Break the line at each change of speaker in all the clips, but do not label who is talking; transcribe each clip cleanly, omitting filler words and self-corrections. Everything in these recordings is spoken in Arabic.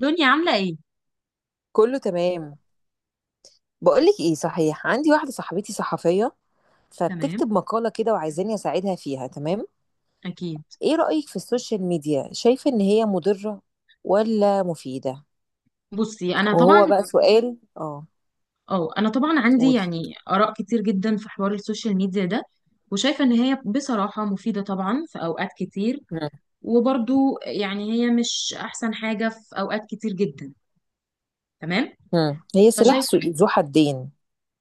دنيا عاملة ايه؟
كله تمام. بقولك ايه صحيح، عندي واحدة صاحبتي صحفية
تمام.
فبتكتب مقالة كده وعايزاني اساعدها فيها، تمام؟
اكيد.
ايه رأيك في السوشيال ميديا، شايفة ان هي مضرة ولا مفيدة؟
بصي، انا طبعا.
وهو بقى سؤال اه.
اه انا طبعا عندي
قولي.
يعني اراء كتير جدا في حوار السوشيال ميديا ده، وشايفة ان هي بصراحة مفيدة طبعا في اوقات كتير.
مم.
وبرضو يعني هي مش احسن حاجة في اوقات كتير جدا. تمام؟
مم. هي سلاح ذو
فشايفة.
ذو حدين.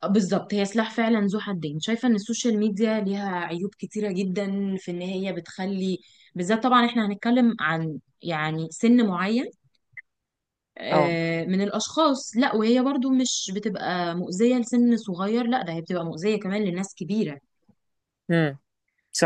بالظبط هي سلاح فعلا ذو حدين. شايفة ان السوشيال ميديا ليها عيوب كتيرة جدا في ان هي بتخلي، بالذات طبعا احنا هنتكلم عن يعني سن معين
اه.
من الأشخاص. لا، وهي برضو مش بتبقى مؤذية لسن صغير، لا ده هي بتبقى مؤذية كمان لناس كبيرة.
مم.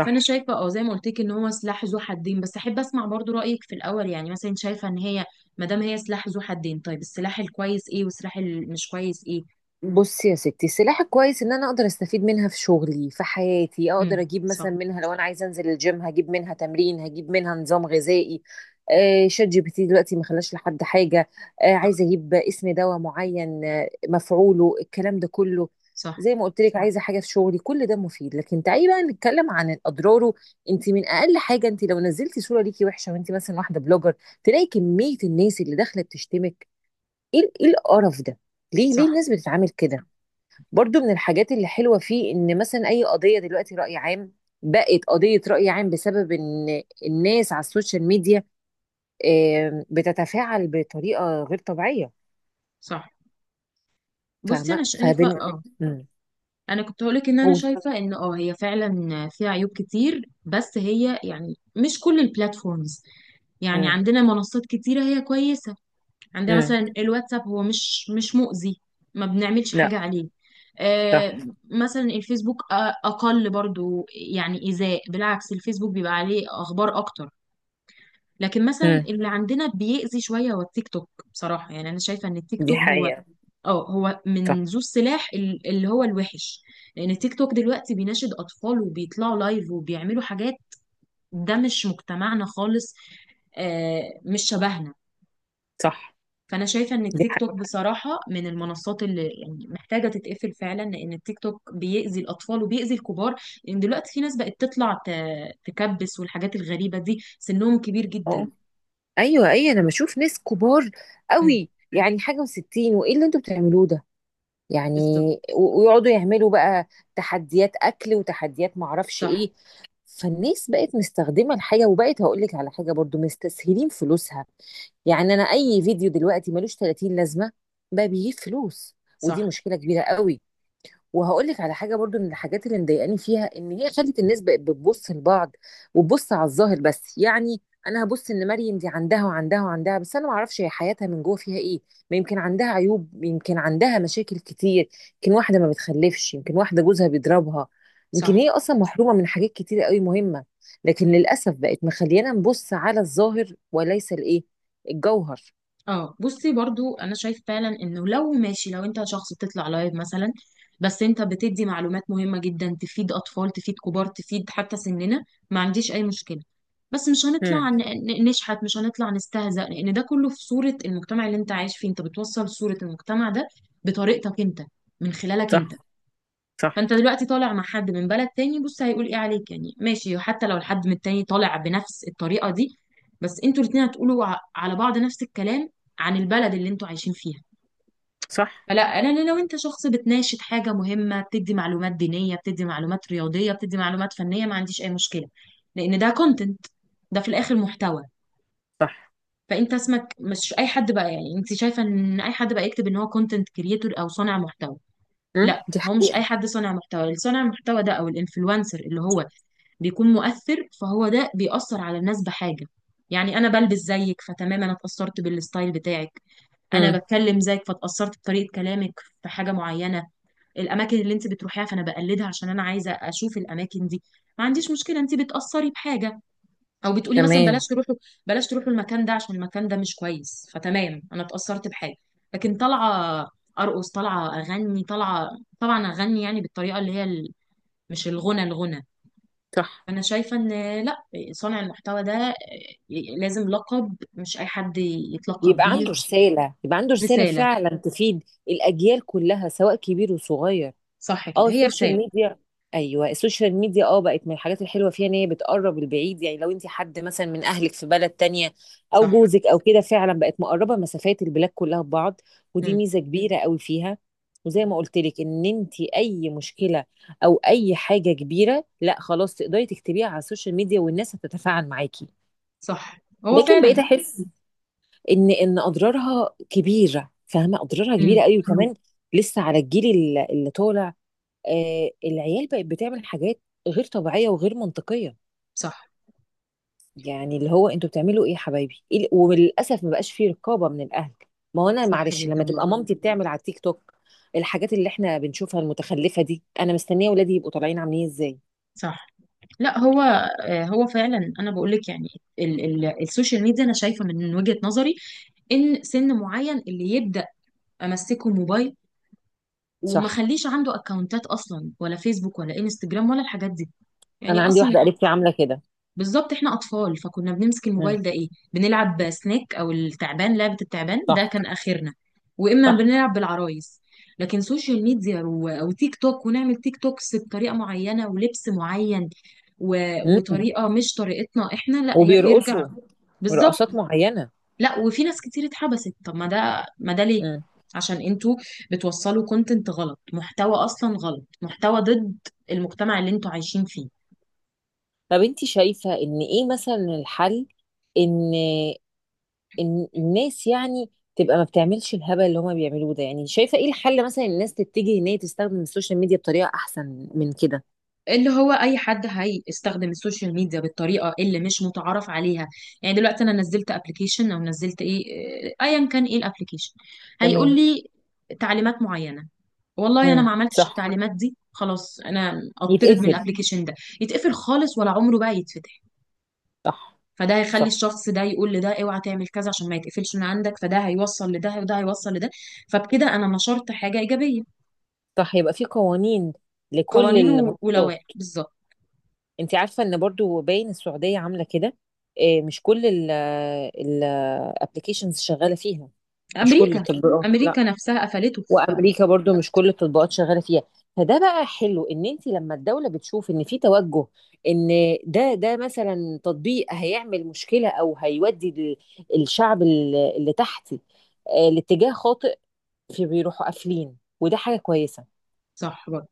فأنا شايفة زي ما قلت لك إن هو سلاح ذو حدين، بس أحب أسمع برضو رأيك في الأول. يعني مثلا أنت شايفة إن هي، ما دام هي سلاح ذو حدين، طيب السلاح الكويس إيه والسلاح المش كويس إيه؟
بصي يا ستي، السلاحة كويس ان انا اقدر استفيد منها في شغلي في حياتي، اقدر
امم.
اجيب مثلا
صح.
منها، لو انا عايزه انزل الجيم هجيب منها تمرين، هجيب منها نظام غذائي. آه شات جي بي تي دلوقتي ما خلاش لحد حاجه. آه، عايزه اجيب اسم دواء معين، آه مفعوله، الكلام ده كله
صح.
زي ما قلت لك، عايزه حاجه في شغلي، كل ده مفيد. لكن تعالي بقى نتكلم عن اضراره. انت من اقل حاجه، انت لو نزلتي صوره ليكي وحشه وانت مثلا واحده بلوجر، تلاقي كميه الناس اللي داخله بتشتمك. إيه القرف ده، ليه
صح.
ليه الناس بتتعامل كده؟ برضو من الحاجات اللي حلوة فيه، إن مثلا أي قضية دلوقتي رأي عام، بقت قضية رأي عام بسبب إن الناس على السوشيال ميديا بتتفاعل بطريقة غير طبيعية.
صح. بصي، أنا
فاهمة؟
شايفة
مم.
أنا كنت هقولك إن أنا
قول.
شايفة إن هي فعلا فيها عيوب كتير، بس هي يعني مش كل البلاتفورمز. يعني
مم.
عندنا منصات كتيرة هي كويسة. عندنا
مم.
مثلا الواتساب هو مش مؤذي. ما بنعملش
لا.
حاجة عليه.
صح.
آه. مثلا الفيسبوك أقل برضو يعني إيذاء. بالعكس الفيسبوك بيبقى عليه أخبار أكتر. لكن مثلا
مم.
اللي عندنا بيأذي شوية هو التيك توك. بصراحة يعني أنا شايفة إن التيك
دي
توك هو،
حقيقة.
اه هو
صح.
من ذو السلاح اللي هو الوحش. لأن التيك توك دلوقتي بيناشد أطفال وبيطلعوا لايف وبيعملوا حاجات ده مش مجتمعنا خالص. آه، مش شبهنا.
صح.
فانا شايفه ان
دي
التيك
حقيقة.
توك بصراحه من المنصات اللي يعني محتاجه تتقفل فعلا، لان التيك توك بيأذي الاطفال وبيأذي الكبار. لان دلوقتي في ناس بقت تطلع تكبس والحاجات الغريبه دي سنهم كبير
أه.
جدا.
أيوة أيوة، أنا بشوف ناس كبار
امم.
قوي يعني، حاجة وستين، وإيه اللي أنتوا بتعملوه ده يعني؟
بالظبط.
ويقعدوا يعملوا بقى تحديات اكل وتحديات معرفش
صح.
ايه. فالناس بقت مستخدمه الحاجه، وبقت هقول لك على حاجه برضو، مستسهلين فلوسها. يعني انا اي فيديو دلوقتي ملوش 30 لازمه، بقى بيجيب فلوس. ودي
صح.
مشكله كبيره قوي. وهقول لك على حاجه برضو من الحاجات اللي مضايقاني فيها، ان هي خلت الناس بقت بتبص لبعض، وتبص على الظاهر بس يعني. انا هبص ان مريم دي عندها وعندها وعندها، بس انا ما اعرفش هي حياتها من جوه فيها ايه. ما يمكن عندها عيوب، يمكن عندها مشاكل كتير، يمكن واحده ما بتخلفش، يمكن واحده جوزها بيضربها، يمكن
صح.
هي اصلا محرومه من حاجات كتير قوي مهمه. لكن للاسف بقت مخليانا نبص على الظاهر، وليس الجوهر.
اه بصي برضو انا شايف فعلا انه لو ماشي، لو انت شخص بتطلع لايف مثلا، بس انت بتدي معلومات مهمة جدا تفيد اطفال تفيد كبار تفيد حتى سننا، ما عنديش اي مشكلة. بس مش هنطلع
امم
نشحت، مش هنطلع نستهزأ، لان ده كله في صورة المجتمع اللي انت عايش فيه. انت بتوصل صورة المجتمع ده بطريقتك انت، من خلالك
صح.
انت.
صح.
فانت دلوقتي طالع مع حد من بلد تاني، بص هيقول ايه عليك؟ يعني ماشي، حتى لو الحد من التاني طالع بنفس الطريقة دي، بس انتوا الاتنين هتقولوا على بعض نفس الكلام عن البلد اللي انتوا عايشين فيها.
صح.
فلا لا لا، لو انت شخص بتناشد حاجة مهمة، بتدي معلومات دينية، بتدي معلومات رياضية، بتدي معلومات فنية، ما عنديش اي مشكلة. لان ده كونتنت، ده في الاخر محتوى.
صح.
فانت اسمك مش اي حد بقى. يعني انت شايفة ان اي حد بقى يكتب ان هو كونتنت كريتور او صانع محتوى؟ لا،
دي
هو مش اي
حقيقه.
حد صانع محتوى. اللي صانع المحتوى ده او الانفلونسر اللي هو بيكون مؤثر، فهو ده بيأثر على الناس بحاجة. يعني انا بلبس زيك، فتمام انا اتأثرت بالستايل بتاعك. انا
امم.
بتكلم زيك، فاتأثرت بطريقة كلامك في حاجة معينة. الاماكن اللي انت بتروحيها فانا بقلدها عشان انا عايزة اشوف الاماكن دي، ما عنديش مشكلة، انت بتأثري بحاجة. او بتقولي مثلا بلاش
تمام.
تروحوا، المكان ده عشان المكان ده مش كويس، فتمام انا اتأثرت بحاجه. لكن طالعه ارقص، طالعه اغني، طالعه، طبعا اغني يعني بالطريقه اللي هي ال... مش الغنى الغنى.
صح،
فانا شايفه ان، لا، صانع المحتوى ده لازم لقب مش اي حد يتلقب
يبقى عنده
بيه.
رسالة، يبقى عنده رسالة
رساله.
فعلا تفيد الأجيال كلها سواء كبير وصغير.
صح
اه
كده، هي
السوشيال
رساله.
ميديا. ايوه، السوشيال ميديا اه بقت من الحاجات الحلوة فيها ان هي بتقرب البعيد، يعني لو انت حد مثلا من اهلك في بلد تانية او
صح.
جوزك او كده، فعلا بقت مقربة مسافات البلاد كلها ببعض. ودي
امم.
ميزة كبيرة قوي فيها. وزي ما قلت لك، ان انت اي مشكلة او اي حاجة كبيرة، لا خلاص، تقدري تكتبيها على السوشيال ميديا والناس هتتفاعل معاكي.
صح. هو
لكن
فعلا.
بقيت احس ان اضرارها كبيره، فاهمه اضرارها
امم.
كبيره قوي. وكمان لسه على الجيل اللي طالع، آه العيال بقت بتعمل حاجات غير طبيعيه وغير منطقيه.
صح.
يعني اللي هو انتوا بتعملوا ايه يا حبايبي؟ وللاسف ما بقاش فيه رقابه من الاهل. ما هو انا
صح
معلش،
جدا
لما تبقى
برضه.
مامتي بتعمل على التيك توك الحاجات اللي احنا بنشوفها المتخلفه دي، انا مستنيه ولادي يبقوا طالعين عاملين ازاي؟
صح. لا هو هو فعلا انا بقول لك يعني ال ال السوشيال ميديا انا شايفه من وجهة نظري ان سن معين اللي يبدا امسكه موبايل، وما
صح.
خليش عنده اكونتات اصلا ولا فيسبوك ولا انستجرام ولا الحاجات دي يعني
انا عندي
اصلا.
واحده قريبتي عامله كده.
بالظبط، احنا اطفال فكنا بنمسك
مم.
الموبايل ده ايه؟ بنلعب سنيك او التعبان، لعبة التعبان ده
صح.
كان اخرنا. واما
صح.
بنلعب بالعرايس. لكن سوشيال ميديا او تيك توك، ونعمل تيك توكس بطريقة معينة ولبس معين و...
مم.
وطريقة مش طريقتنا احنا، لا، هي بيرجع.
وبيرقصوا
بالظبط.
رقصات معينه.
لا، وفي ناس كتير اتحبست. طب ما ده ليه؟ عشان انتوا بتوصلوا كونتنت غلط، محتوى اصلا غلط، محتوى ضد المجتمع اللي انتوا عايشين فيه.
طب انت شايفة ان ايه مثلا الحل؟ ان الناس يعني تبقى ما بتعملش الهبل اللي هما بيعملوه ده يعني، شايفة ايه الحل مثلا، الناس تتجه ان هي تستخدم السوشيال ميديا بطريقة احسن من كده؟
اللي هو اي حد هيستخدم السوشيال ميديا بالطريقه اللي مش متعارف عليها، يعني دلوقتي انا نزلت ابلكيشن او نزلت ايه، آه، ايا كان ايه الابلكيشن، هيقول
تمام.
لي تعليمات معينه. والله انا ما عملتش
صح.
التعليمات دي، خلاص انا اطرد من
يتقفل.
الابلكيشن ده. يتقفل خالص ولا عمره بقى يتفتح.
صح.
فده هيخلي
صح.
الشخص ده يقول لده اوعى تعمل كذا عشان ما يتقفلش من عندك. فده هيوصل لده وده هيوصل لده. فبكده انا نشرت حاجه ايجابيه.
صح، يبقى في قوانين لكل
قوانين
المنصات.
ولوائح بالظبط.
انت عارفة ان برضو باين السعودية عاملة كده؟ اه، مش كل الابلكيشنز شغالة فيها، مش كل
امريكا.
التطبيقات، لا.
امريكا نفسها قفلته.
وامريكا برضو مش كل التطبيقات شغاله فيها. فده بقى حلو ان انت لما الدوله بتشوف ان في توجه ان ده مثلا تطبيق هيعمل مشكله، او هيودي الشعب اللي تحتي آه، لاتجاه خاطئ، في بيروحوا قافلين، وده حاجه كويسه.
صح برضه.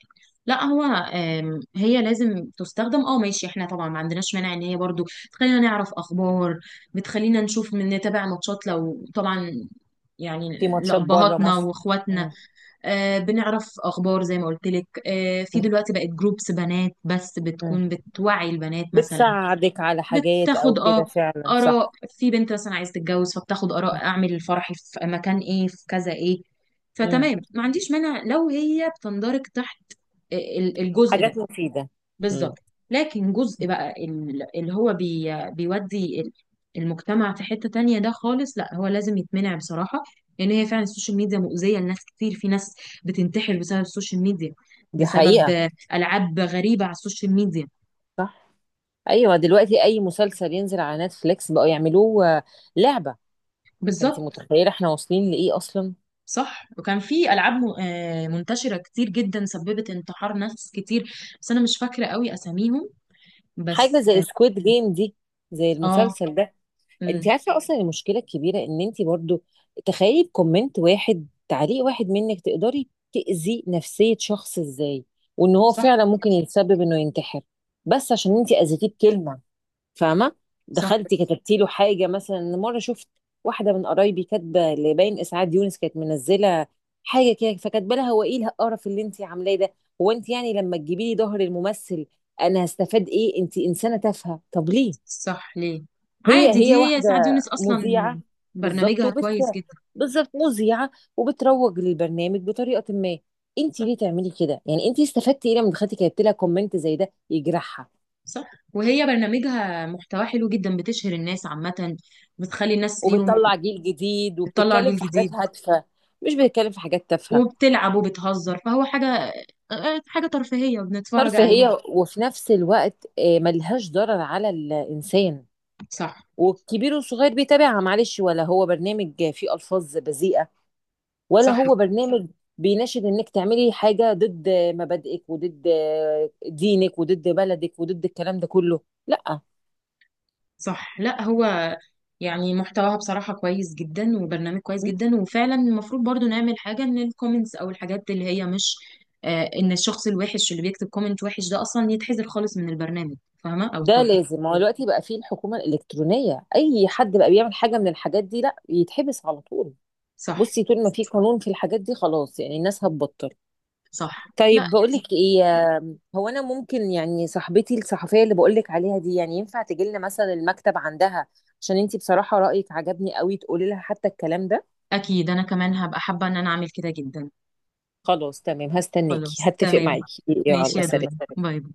لا هو هي لازم تستخدم ماشي. احنا طبعا ما عندناش مانع ان هي برضه تخلينا نعرف اخبار، بتخلينا نشوف، من نتابع ماتشات لو طبعا يعني
في ماتشات بره
لأبهاتنا
مصر.
واخواتنا.
مم.
آه، بنعرف اخبار زي ما قلت لك. آه، في
مم.
دلوقتي بقت جروبس بنات بس
مم.
بتكون بتوعي البنات مثلا.
بتساعدك على حاجات او
بتاخد
كده، فعلا
آراء
صح.
في بنت مثلا عايزة تتجوز، فبتاخد آراء أعمل الفرح في مكان إيه، في كذا إيه.
مم.
فتمام ما عنديش مانع لو هي بتندرج تحت الجزء ده.
حاجات مفيده. مم.
بالظبط. لكن جزء بقى اللي هو بي بيودي المجتمع في حتة تانية ده خالص، لا، هو لازم يتمنع بصراحة. لأن هي فعلا السوشيال ميديا مؤذية لناس كتير. في ناس بتنتحر بسبب السوشيال ميديا،
دي حقيقه.
بسبب ألعاب غريبة على السوشيال ميديا.
صح. ايوه، دلوقتي اي مسلسل ينزل على نتفليكس بقوا يعملوه آه، لعبه. فانت
بالظبط.
متخيله احنا واصلين لايه اصلا؟
صح، وكان في العاب منتشره كتير جدا سببت انتحار ناس كتير، بس انا مش فاكره قوي اساميهم.
حاجه
بس.
زي سكويد جيم دي، زي
اه.
المسلسل ده. انت
امم.
عارفه اصلا المشكله الكبيره ان انت برضو، تخيلي بكومنت واحد، تعليق واحد منك تقدري تاذي نفسيه شخص ازاي؟ وان هو
صح.
فعلا ممكن يتسبب انه ينتحر، بس عشان انت اذيتيه بكلمه. فاهمه؟
صح.
دخلتي كتبتي له حاجه. مثلا مره شفت واحده من قرايبي كاتبه لباين اسعاد يونس، كانت منزله حاجه كده، فكاتبه لها: هو ايه القرف اللي انت عاملاه ده؟ هو انت يعني لما تجيبي لي ظهر الممثل انا هستفاد ايه؟ انت انسانه تافهه. طب ليه؟
صح. ليه؟
هي
عادي دي.
هي
هي
واحده
سعاد يونس اصلا،
مذيعه. بالظبط.
برنامجها
وبت،
كويس جدا.
بالظبط مذيعه، وبتروج للبرنامج بطريقه ما. انت
صح.
ليه تعملي كده؟ يعني انت استفدتي ايه لما دخلتي كتبتي لها كومنت زي ده يجرحها؟
صح، وهي برنامجها محتواه حلو جدا، بتشهر الناس عامه، بتخلي الناس ليهم،
وبتطلع جيل جديد،
بتطلع
وبتتكلم
جيل
في حاجات
جديد،
هادفة، مش بتتكلم في حاجات تافهة.
وبتلعب وبتهزر، فهو حاجه حاجه ترفيهيه بنتفرج عليها.
ترفيهية وفي نفس الوقت آه، ملهاش ضرر على الإنسان،
صح.
والكبير والصغير بيتابعها. معلش ولا هو برنامج فيه ألفاظ بذيئة، ولا
صح.
هو برنامج بيناشد انك تعملي حاجة ضد مبادئك وضد آه، دينك وضد بلدك وضد الكلام ده كله. لا.
صح. لا هو يعني محتواها بصراحة كويس جدا، وبرنامج كويس جدا، وفعلا المفروض برضو نعمل حاجة ان الكومنتس او الحاجات اللي هي مش، ان الشخص الوحش اللي بيكتب كومنت وحش ده اصلا يتحذر خالص من البرنامج، فاهمة، او
ده
التطبيق.
لازم، هو دلوقتي بقى فيه الحكومة الإلكترونية، أي
صح.
حد بقى بيعمل حاجة من الحاجات دي لا يتحبس على طول.
صح.
بصي، طول ما في قانون في الحاجات دي، خلاص يعني الناس هتبطل.
صح. لا
طيب بقول لك
يعني
ايه، هو انا ممكن يعني صاحبتي الصحفيه اللي بقول لك عليها دي، يعني ينفع تجي لنا مثلا المكتب عندها؟ عشان انتي بصراحه رايك عجبني قوي، تقولي لها حتى الكلام ده.
اكيد انا كمان هبقى حابة ان انا اعمل كده جدا.
خلاص تمام، هستناكي،
خلاص
هتفق
تمام.
معاكي،
ماشي
يلا
يا
سلام.
دنيا، باي باي.